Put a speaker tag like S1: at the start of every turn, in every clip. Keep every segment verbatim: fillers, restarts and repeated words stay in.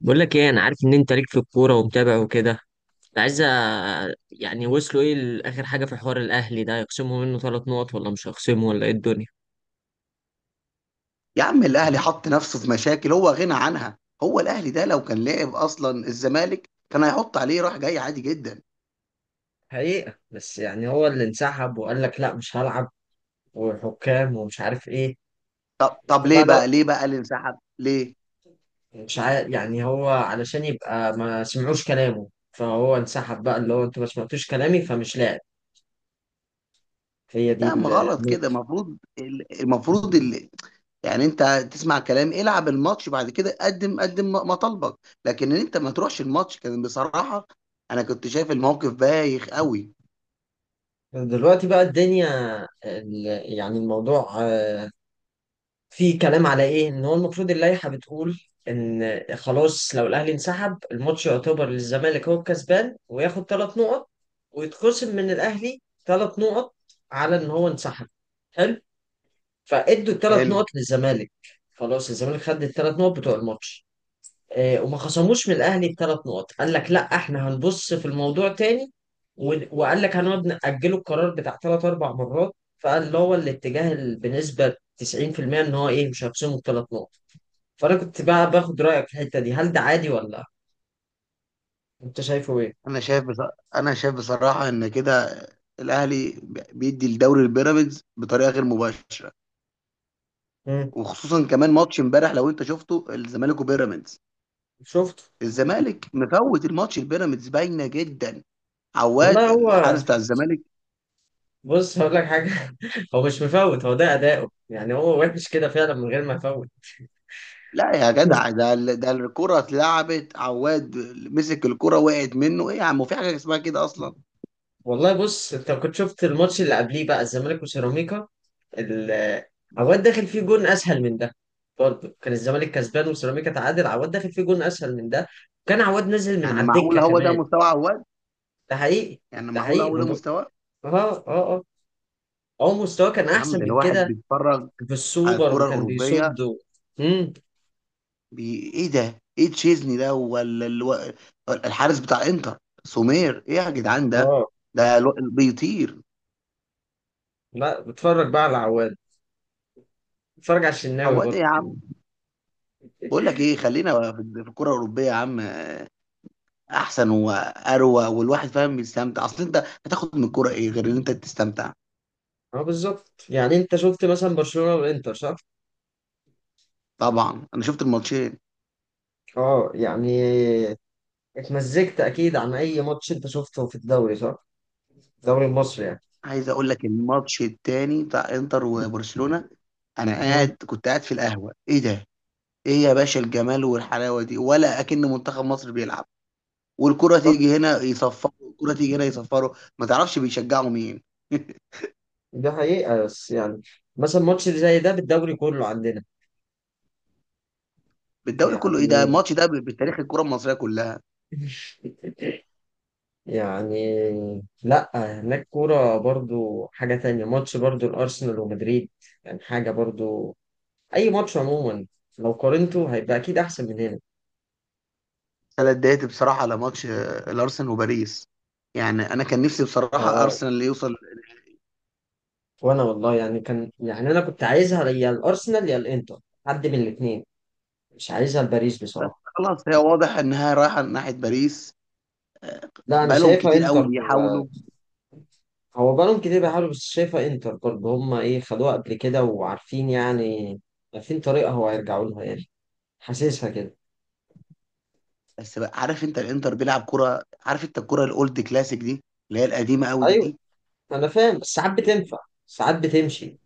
S1: بقول لك ايه، انا عارف ان انت ليك في الكوره ومتابع وكده. كنت عايز أ- يعني وصلوا ايه لاخر حاجه في حوار الاهلي ده، يخصموا منه ثلاث نقط ولا مش هيخصموا ولا ايه الدنيا؟
S2: يا عم، الاهلي حط نفسه في مشاكل هو غنى عنها. هو الاهلي ده لو كان لعب اصلا الزمالك كان هيحط عليه راح جاي عادي جدا.
S1: حقيقة بس يعني هو اللي انسحب وقال لك لا مش هلعب، وحكام ومش عارف ايه.
S2: طب
S1: انت
S2: طب
S1: بقى
S2: ليه
S1: لو
S2: بقى ليه بقى اللي انسحب ليه؟
S1: مش عارف، يعني هو علشان يبقى ما سمعوش كلامه فهو انسحب، بقى اللي هو انتوا ما سمعتوش كلامي فمش لاعب. هي دي
S2: لا، ما
S1: ال-
S2: غلط كده.
S1: النقطة
S2: المفروض المفروض ال- يعني انت تسمع كلام، العب الماتش، بعد كده قدم قدم مطالبك. لكن ان انت ما تروحش الماتش كان بصراحة، انا كنت شايف الموقف بايخ قوي.
S1: دلوقتي بقى الدنيا، ال- يعني الموضوع في كلام على ايه، ان هو المفروض اللائحه بتقول ان خلاص لو الاهلي انسحب الماتش يعتبر للزمالك، هو الكسبان وياخد ثلاث نقط ويتخصم من الاهلي ثلاث نقط على ان هو انسحب. حلو. فادوا الثلاث
S2: حلو.
S1: نقط للزمالك. خلاص الزمالك خد الثلاث نقط بتوع الماتش. آه، وما خصموش من الاهلي بثلاث نقط. قال لك لا احنا هنبص في الموضوع تاني. ون- وقال لك هنقعد نأجله القرار بتاع ثلاث اربع مرات. فقال اللي هو الاتجاه ال- بنسبة تسعين في المئة ان هو ايه مش هيخصمه الثلاث نقط. فانا كنت بقى باخد رأيك في الحتة دي، هل ده عادي ولا انت شايفه ايه؟
S2: انا شايف بص... انا شايف بصراحة ان كده الاهلي بيدي الدوري البيراميدز بطريقة غير مباشرة.
S1: مم.
S2: وخصوصا كمان ماتش امبارح لو انت شفته، الزمالك وبيراميدز،
S1: شفته.
S2: الزمالك مفوت الماتش، البيراميدز باينه جدا. عواد
S1: والله هو،
S2: الحارس بتاع الزمالك.
S1: بص هقول لك حاجة. هو مش مفوت، هو ده أداؤه يعني، هو وحش كده فعلا من غير ما يفوت.
S2: لا يا جدع، ده ال- ده الكره اتلعبت، عواد مسك الكره وقعت منه. ايه يا عم، في حاجه اسمها كده اصلا؟
S1: والله بص، انت كنت شفت الماتش اللي قبليه بقى الزمالك وسيراميكا؟ ال- عواد داخل فيه جون اسهل من ده. برضه كان الزمالك كسبان وسيراميكا تعادل، عواد داخل فيه جون اسهل من ده. كان عواد نازل من
S2: يعني
S1: على
S2: معقول
S1: الدكه
S2: هو ده
S1: كمان.
S2: مستوى عواد؟
S1: ده حقيقي.
S2: يعني
S1: ده
S2: معقول
S1: حقيقي
S2: هو
S1: ما
S2: ده
S1: بق-
S2: مستواه؟
S1: اه اه اه هو مستواه كان
S2: يا عم
S1: احسن
S2: ده
S1: من
S2: الواحد
S1: كده
S2: بيتفرج على
S1: بالسوبر
S2: الكره
S1: وكان
S2: الاوروبيه.
S1: بيصد و... امم.
S2: بي... ايه ده؟ ايه تشيزني ده ولا الو... الحارس بتاع انتر؟ سومير؟ ايه يا جدعان ده؟
S1: اه
S2: ده الو- بيطير.
S1: لا، بتفرج بقى على عواد، بتفرج على الشناوي
S2: عواد ايه يا
S1: برضه.
S2: عم؟ بقول لك ايه، خلينا في في الكره الاوروبيه يا عم. احسن واروى، والواحد فاهم بيستمتع. اصل انت هتاخد من الكوره ايه غير ان انت تستمتع؟
S1: اه بالظبط، يعني انت شفت مثلا برشلونه والانتر صح؟
S2: طبعا انا شفت الماتشين.
S1: اه يعني اتمزجت اكيد عن اي ماتش انت شفته في الدوري صح؟ الدوري المصري يعني.
S2: عايز اقول لك، الماتش التاني بتاع انتر وبرشلونه، انا
S1: امم.
S2: قاعد كنت قاعد في القهوه. ايه ده؟ ايه يا باشا الجمال والحلاوه دي؟ ولا اكن منتخب مصر بيلعب، والكره
S1: صح.
S2: تيجي هنا يصفروا والكره تيجي هنا يصفروا، ما تعرفش بيشجعوا مين.
S1: ده حقيقة بس يعني مثلا ماتش زي ده بالدوري كله عندنا؟
S2: بالدوري كله؟ ايه ده،
S1: يعني
S2: الماتش ده بتاريخ الكره المصريه كلها.
S1: يعني لا، هناك كورة برضو حاجة تانية، ماتش برضو الأرسنال ومدريد، يعني حاجة برضو. أي ماتش عموما لو قارنته هيبقى أكيد أحسن من هنا.
S2: انا اتضايقت بصراحه على ماتش آه، الارسنال وباريس. يعني انا كان نفسي بصراحه
S1: اه،
S2: ارسنال اللي يوصل.
S1: وأنا والله يعني كان، يعني أنا كنت عايزها يا الأرسنال يا الإنتر، حد من الاتنين. مش عايزها لباريس بصراحة.
S2: خلاص، هي واضح انها رايحه ناحيه باريس.
S1: لا انا
S2: بقالهم
S1: شايفها
S2: كتير قوي
S1: انتر.
S2: بيحاولوا.
S1: هو بقالهم كتير بيحاولوا، بس شايفها انتر برضه، هم ايه خدوها قبل كده وعارفين يعني، عارفين طريقة هو هيرجعوا لها يعني. حاسسها كده.
S2: بس بقى، عارف انت الانتر بيلعب كره؟ عارف انت الكره الاولد كلاسيك دي اللي هي القديمه قوي
S1: ايوه،
S2: دي؟
S1: انا فاهم، بس ساعات بتنفع ساعات بتمشي.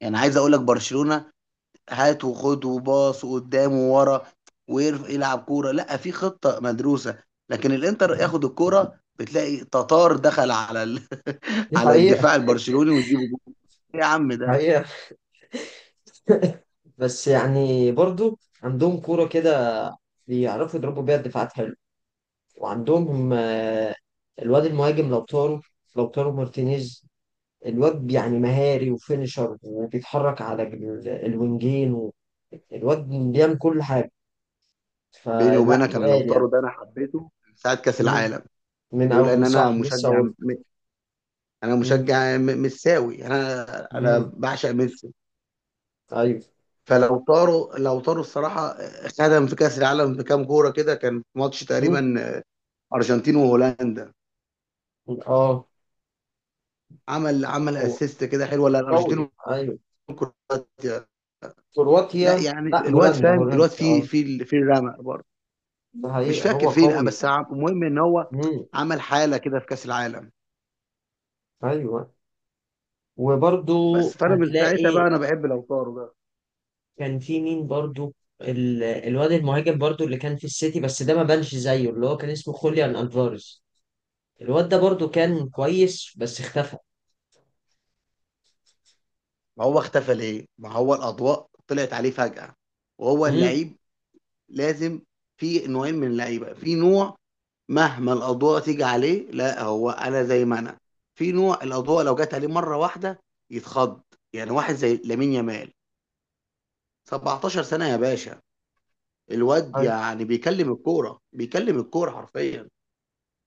S2: يعني عايز اقول لك، برشلونه هات وخد وباص وقدام وورا، ويلعب كوره لا في خطه مدروسه. لكن الانتر ياخد الكوره بتلاقي تتار دخل على ال...
S1: دي
S2: على
S1: حقيقة.
S2: الدفاع البرشلوني ويجيبوا جول. ايه يا عم
S1: دي
S2: ده.
S1: حقيقة بس يعني برضه عندهم كورة كده، بيعرفوا يضربوا بيها الدفاعات حلو. وعندهم آه، الواد المهاجم لو طاروا، لو طاروا مارتينيز، الواد يعني مهاري وفينشر، وبيتحرك على ال- الوينجين و... الواد بيعمل كل حاجة،
S2: بيني
S1: فلا
S2: وبينك، انا لو
S1: تقال يعني.
S2: طاروا ده انا حبيته من ساعه كاس
S1: مم.
S2: العالم.
S1: من
S2: لولا
S1: أول
S2: ان
S1: من
S2: انا
S1: صح لسه
S2: مشجع
S1: أقول.
S2: م... انا
S1: مم.
S2: مشجع م... مساوي انا. انا
S1: مم.
S2: بعشق ميسي.
S1: أيوه.
S2: فلو طاروا، لو طاروا الصراحه خدم في كاس العالم بكام كوره كده. كان في ماتش
S1: مم.
S2: تقريبا ارجنتين وهولندا،
S1: أه،
S2: عمل عمل
S1: هو
S2: اسيست كده حلو. ولا
S1: قوي
S2: الارجنتين
S1: أيوه.
S2: وكرواتيا؟ لا
S1: كرواتيا.
S2: يعني
S1: لا،
S2: الواد
S1: هولندا
S2: فاهم،
S1: هولندا
S2: الواد فيه
S1: أه.
S2: في في الرمق برضه.
S1: ده
S2: مش
S1: حقيقة
S2: فاكر
S1: هو
S2: فين
S1: قوي.
S2: بس عم- المهم ان هو
S1: مم.
S2: عمل حاله كده في كاس العالم.
S1: أيوه. وبرضو
S2: بس فانا من ساعتها
S1: هتلاقي،
S2: بقى انا بحب لو طاروا ده.
S1: كان في مين برضو، ال- الواد المهاجم برضو اللي كان في السيتي، بس ده ما بانش زيه، اللي هو كان اسمه خوليان ألفاريز. الواد ده برضو كان كويس بس اختفى.
S2: ما هو اختفى ليه؟ ما هو الأضواء طلعت عليه فجأة وهو
S1: مم.
S2: اللعيب لازم. في نوعين من اللعيبة. في نوع مهما الأضواء تيجي عليه، لا هو أنا زي ما أنا. في نوع الأضواء لو جت عليه مرة واحدة يتخض. يعني واحد زي لامين يامال، سبعتاشر سنة يا باشا. الواد
S1: أيوة.
S2: يعني بيكلم الكورة، بيكلم الكورة حرفيا.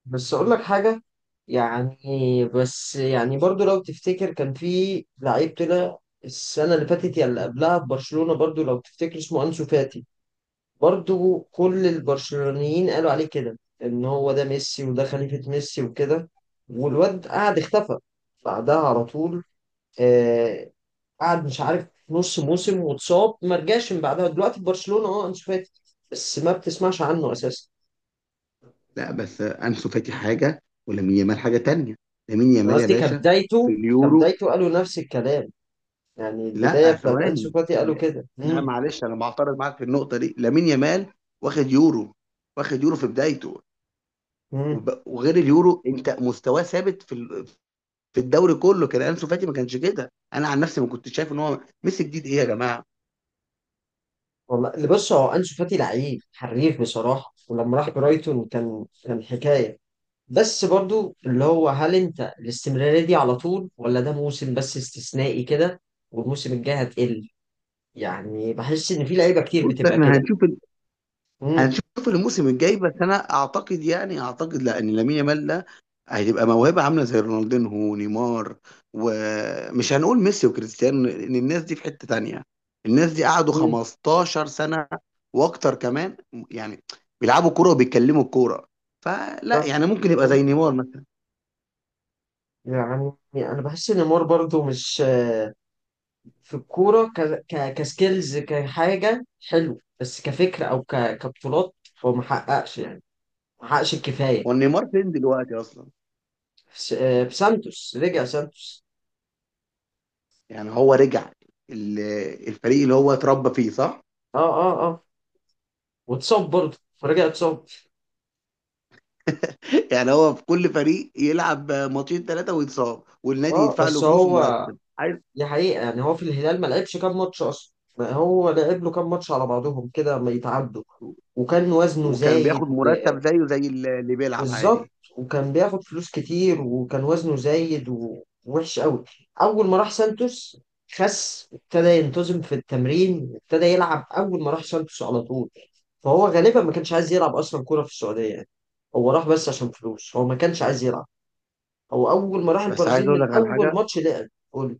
S1: بس اقول لك حاجه يعني، بس يعني برضو لو تفتكر، كان في لعيب طلع السنه اللي فاتت يا اللي قبلها في برشلونه، برضو لو تفتكر اسمه انسو فاتي. برضو كل البرشلونيين قالوا عليه كده ان هو ده ميسي، وده خليفه ميسي وكده. والواد قعد اختفى بعدها على طول. آه، قعد مش عارف نص موسم واتصاب، ما رجعش من بعدها. دلوقتي في برشلونة اه انشو فاتي، بس ما بتسمعش عنه اساسا.
S2: لا بس أنسو فاتي حاجة ولامين يامال حاجة تانية. لامين
S1: انا
S2: يامال يا
S1: قصدي
S2: باشا في
S1: كبدايته،
S2: اليورو.
S1: كبدايته قالوا نفس الكلام. يعني البداية
S2: لا
S1: بتاعت انشو
S2: ثواني،
S1: فاتي قالوا
S2: لا
S1: كده.
S2: لا،
S1: امم
S2: معلش انا بعترض معاك في النقطه دي. لامين يامال واخد يورو، واخد يورو في بدايته.
S1: امم
S2: وب- وغير اليورو انت مستواه ثابت في ال- في الدوري كله. كان انسو فاتي ما كانش كده. انا عن نفسي ما كنتش شايف ان هو ميسي جديد. ايه يا جماعه،
S1: والله اللي بص، هو انشو فاتي لعيب حريف بصراحة، ولما راح برايتون كان، كان حكاية. بس برضو اللي هو هل انت الاستمرارية دي على طول، ولا ده موسم بس استثنائي كده، والموسم الجاي هتقل. يعني بحس ان في لعيبة كتير
S2: بص
S1: بتبقى
S2: احنا
S1: كده.
S2: هنشوف.
S1: امم.
S2: هنشوف الموسم الجاي. بس انا اعتقد، يعني اعتقد لا، ان لامين يامال ده هتبقى موهبه عامله زي رونالدينهو ونيمار. ومش هنقول ميسي وكريستيانو، ان الناس دي في حته تانية. الناس دي قعدوا
S1: امم.
S2: خمستاشر سنه واكتر كمان، يعني بيلعبوا كوره وبيتكلموا الكوره. فلا، يعني ممكن يبقى زي نيمار مثلا.
S1: يعني انا بحس ان مور برضو مش في الكوره ك... ك... كسكيلز كحاجه حلو، بس كفكره او ك... كبطولات هو ما حققش يعني، ما حققش الكفايه.
S2: ونيمار فين دلوقتي اصلا؟
S1: في, س... آه، في سانتوس، رجع سانتوس.
S2: يعني هو رجع ال- الفريق اللي هو اتربى فيه صح.
S1: اه اه اه. واتصاب برضه، فرجع اتصاب.
S2: يعني هو في كل فريق يلعب ماتشين ثلاثه ويتصاب، والنادي
S1: اه
S2: يدفع له
S1: بس
S2: فلوس
S1: هو
S2: ومرتب عايز.
S1: دي حقيقه يعني، هو في الهلال ما لعبش كام ماتش اصلا. ما هو لعب له كام ماتش على بعضهم كده ما يتعدوا، وكان وزنه
S2: وكان
S1: زايد.
S2: بياخد مرتب زيه زي اللي اللي بيلعب
S1: بالظبط.
S2: عادي.
S1: وكان بياخد فلوس كتير، وكان وزنه زايد، ووحش قوي. اول ما راح سانتوس خس، ابتدى ينتظم في التمرين، ابتدى يلعب اول ما راح سانتوس على طول. فهو غالبا ما كانش عايز يلعب اصلا كوره في السعوديه يعني. هو راح بس عشان فلوس، هو ما كانش عايز يلعب. هو اول ما راح
S2: بس عايز
S1: البرازيل
S2: اقول
S1: من
S2: لك على
S1: اول
S2: حاجه،
S1: ماتش لعب قول.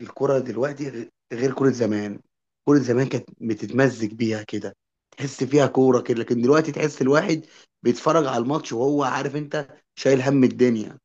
S2: الكره دلوقتي غ- غير كره زمان. كره زمان كانت بتتمزج بيها كده، تحس فيها كوره كده. لكن دلوقتي تحس الواحد بيتفرج على الماتش وهو عارف انت، شايل هم الدنيا.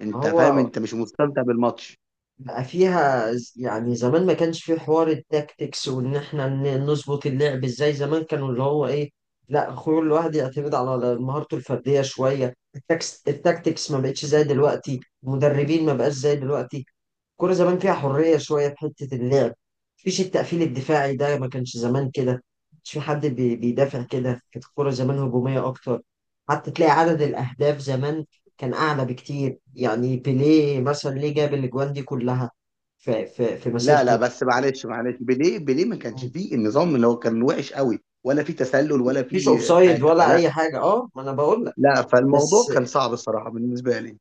S2: انت فاهم،
S1: هو
S2: انت مش مستمتع بالماتش.
S1: بقى فيها ز- يعني زمان ما كانش فيه حوار التاكتكس، وان احنا ن- نظبط اللعب ازاي. زمان كانوا اللي هو ايه، لا خلو الواحد يعتمد على مهارته الفرديه شويه، التاكس التاكتكس ما بقتش زي دلوقتي، المدربين ما بقاش زي دلوقتي. الكورة زمان فيها حرية شوية في حتة اللعب. مفيش التقفيل الدفاعي ده، ما كانش زمان كده. مش في حد بي- بيدافع كده، كانت الكورة زمان هجومية أكتر. حتى تلاقي عدد الأهداف زمان كان أعلى بكتير، يعني بيليه مثلا ليه جاب الأجوان دي كلها في, في, في
S2: لا لا،
S1: مسيرته
S2: بس معلش معلش بيليه بيليه ما كانش فيه النظام اللي هو كان وحش قوي، ولا فيه تسلل ولا
S1: مفيش
S2: فيه
S1: أوفسايد
S2: حاجه.
S1: ولا
S2: فلا،
S1: أي حاجة، أه ما أنا بقول لك.
S2: لا فالموضوع
S1: بس،
S2: كان صعب الصراحه بالنسبه لي.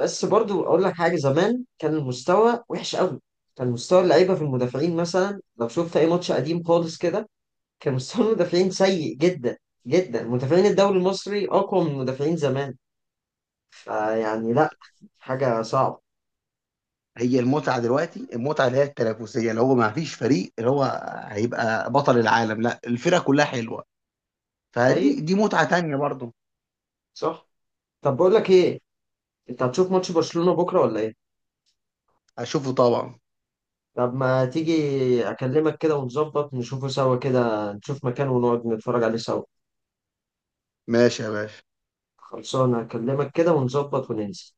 S1: بس برضو أقول لك حاجة، زمان كان المستوى وحش قوي. كان مستوى اللعيبة في المدافعين مثلا، لو شفت أي ماتش قديم خالص كده، كان مستوى المدافعين سيء جدا جدا. مدافعين الدوري المصري اقوى من مدافعين زمان. فيعني لا، حاجه صعبه.
S2: هي المتعه دلوقتي، المتعه اللي هي التنافسيه، اللي هو ما فيش فريق اللي هو هيبقى بطل العالم. لا، الفرقه كلها حلوه.
S1: حقيقي.
S2: فدي دي متعه تانية برضه.
S1: صح. طب بقول لك ايه، انت هتشوف ماتش برشلونه بكره ولا ايه؟
S2: هشوفه طبعا.
S1: طب ما تيجي اكلمك كده ونظبط، نشوفه سوا كده، نشوف مكان ونقعد نتفرج عليه سوا.
S2: ماشي يا باشا.
S1: خلصانه، اكلمك كده ونظبط وننزل.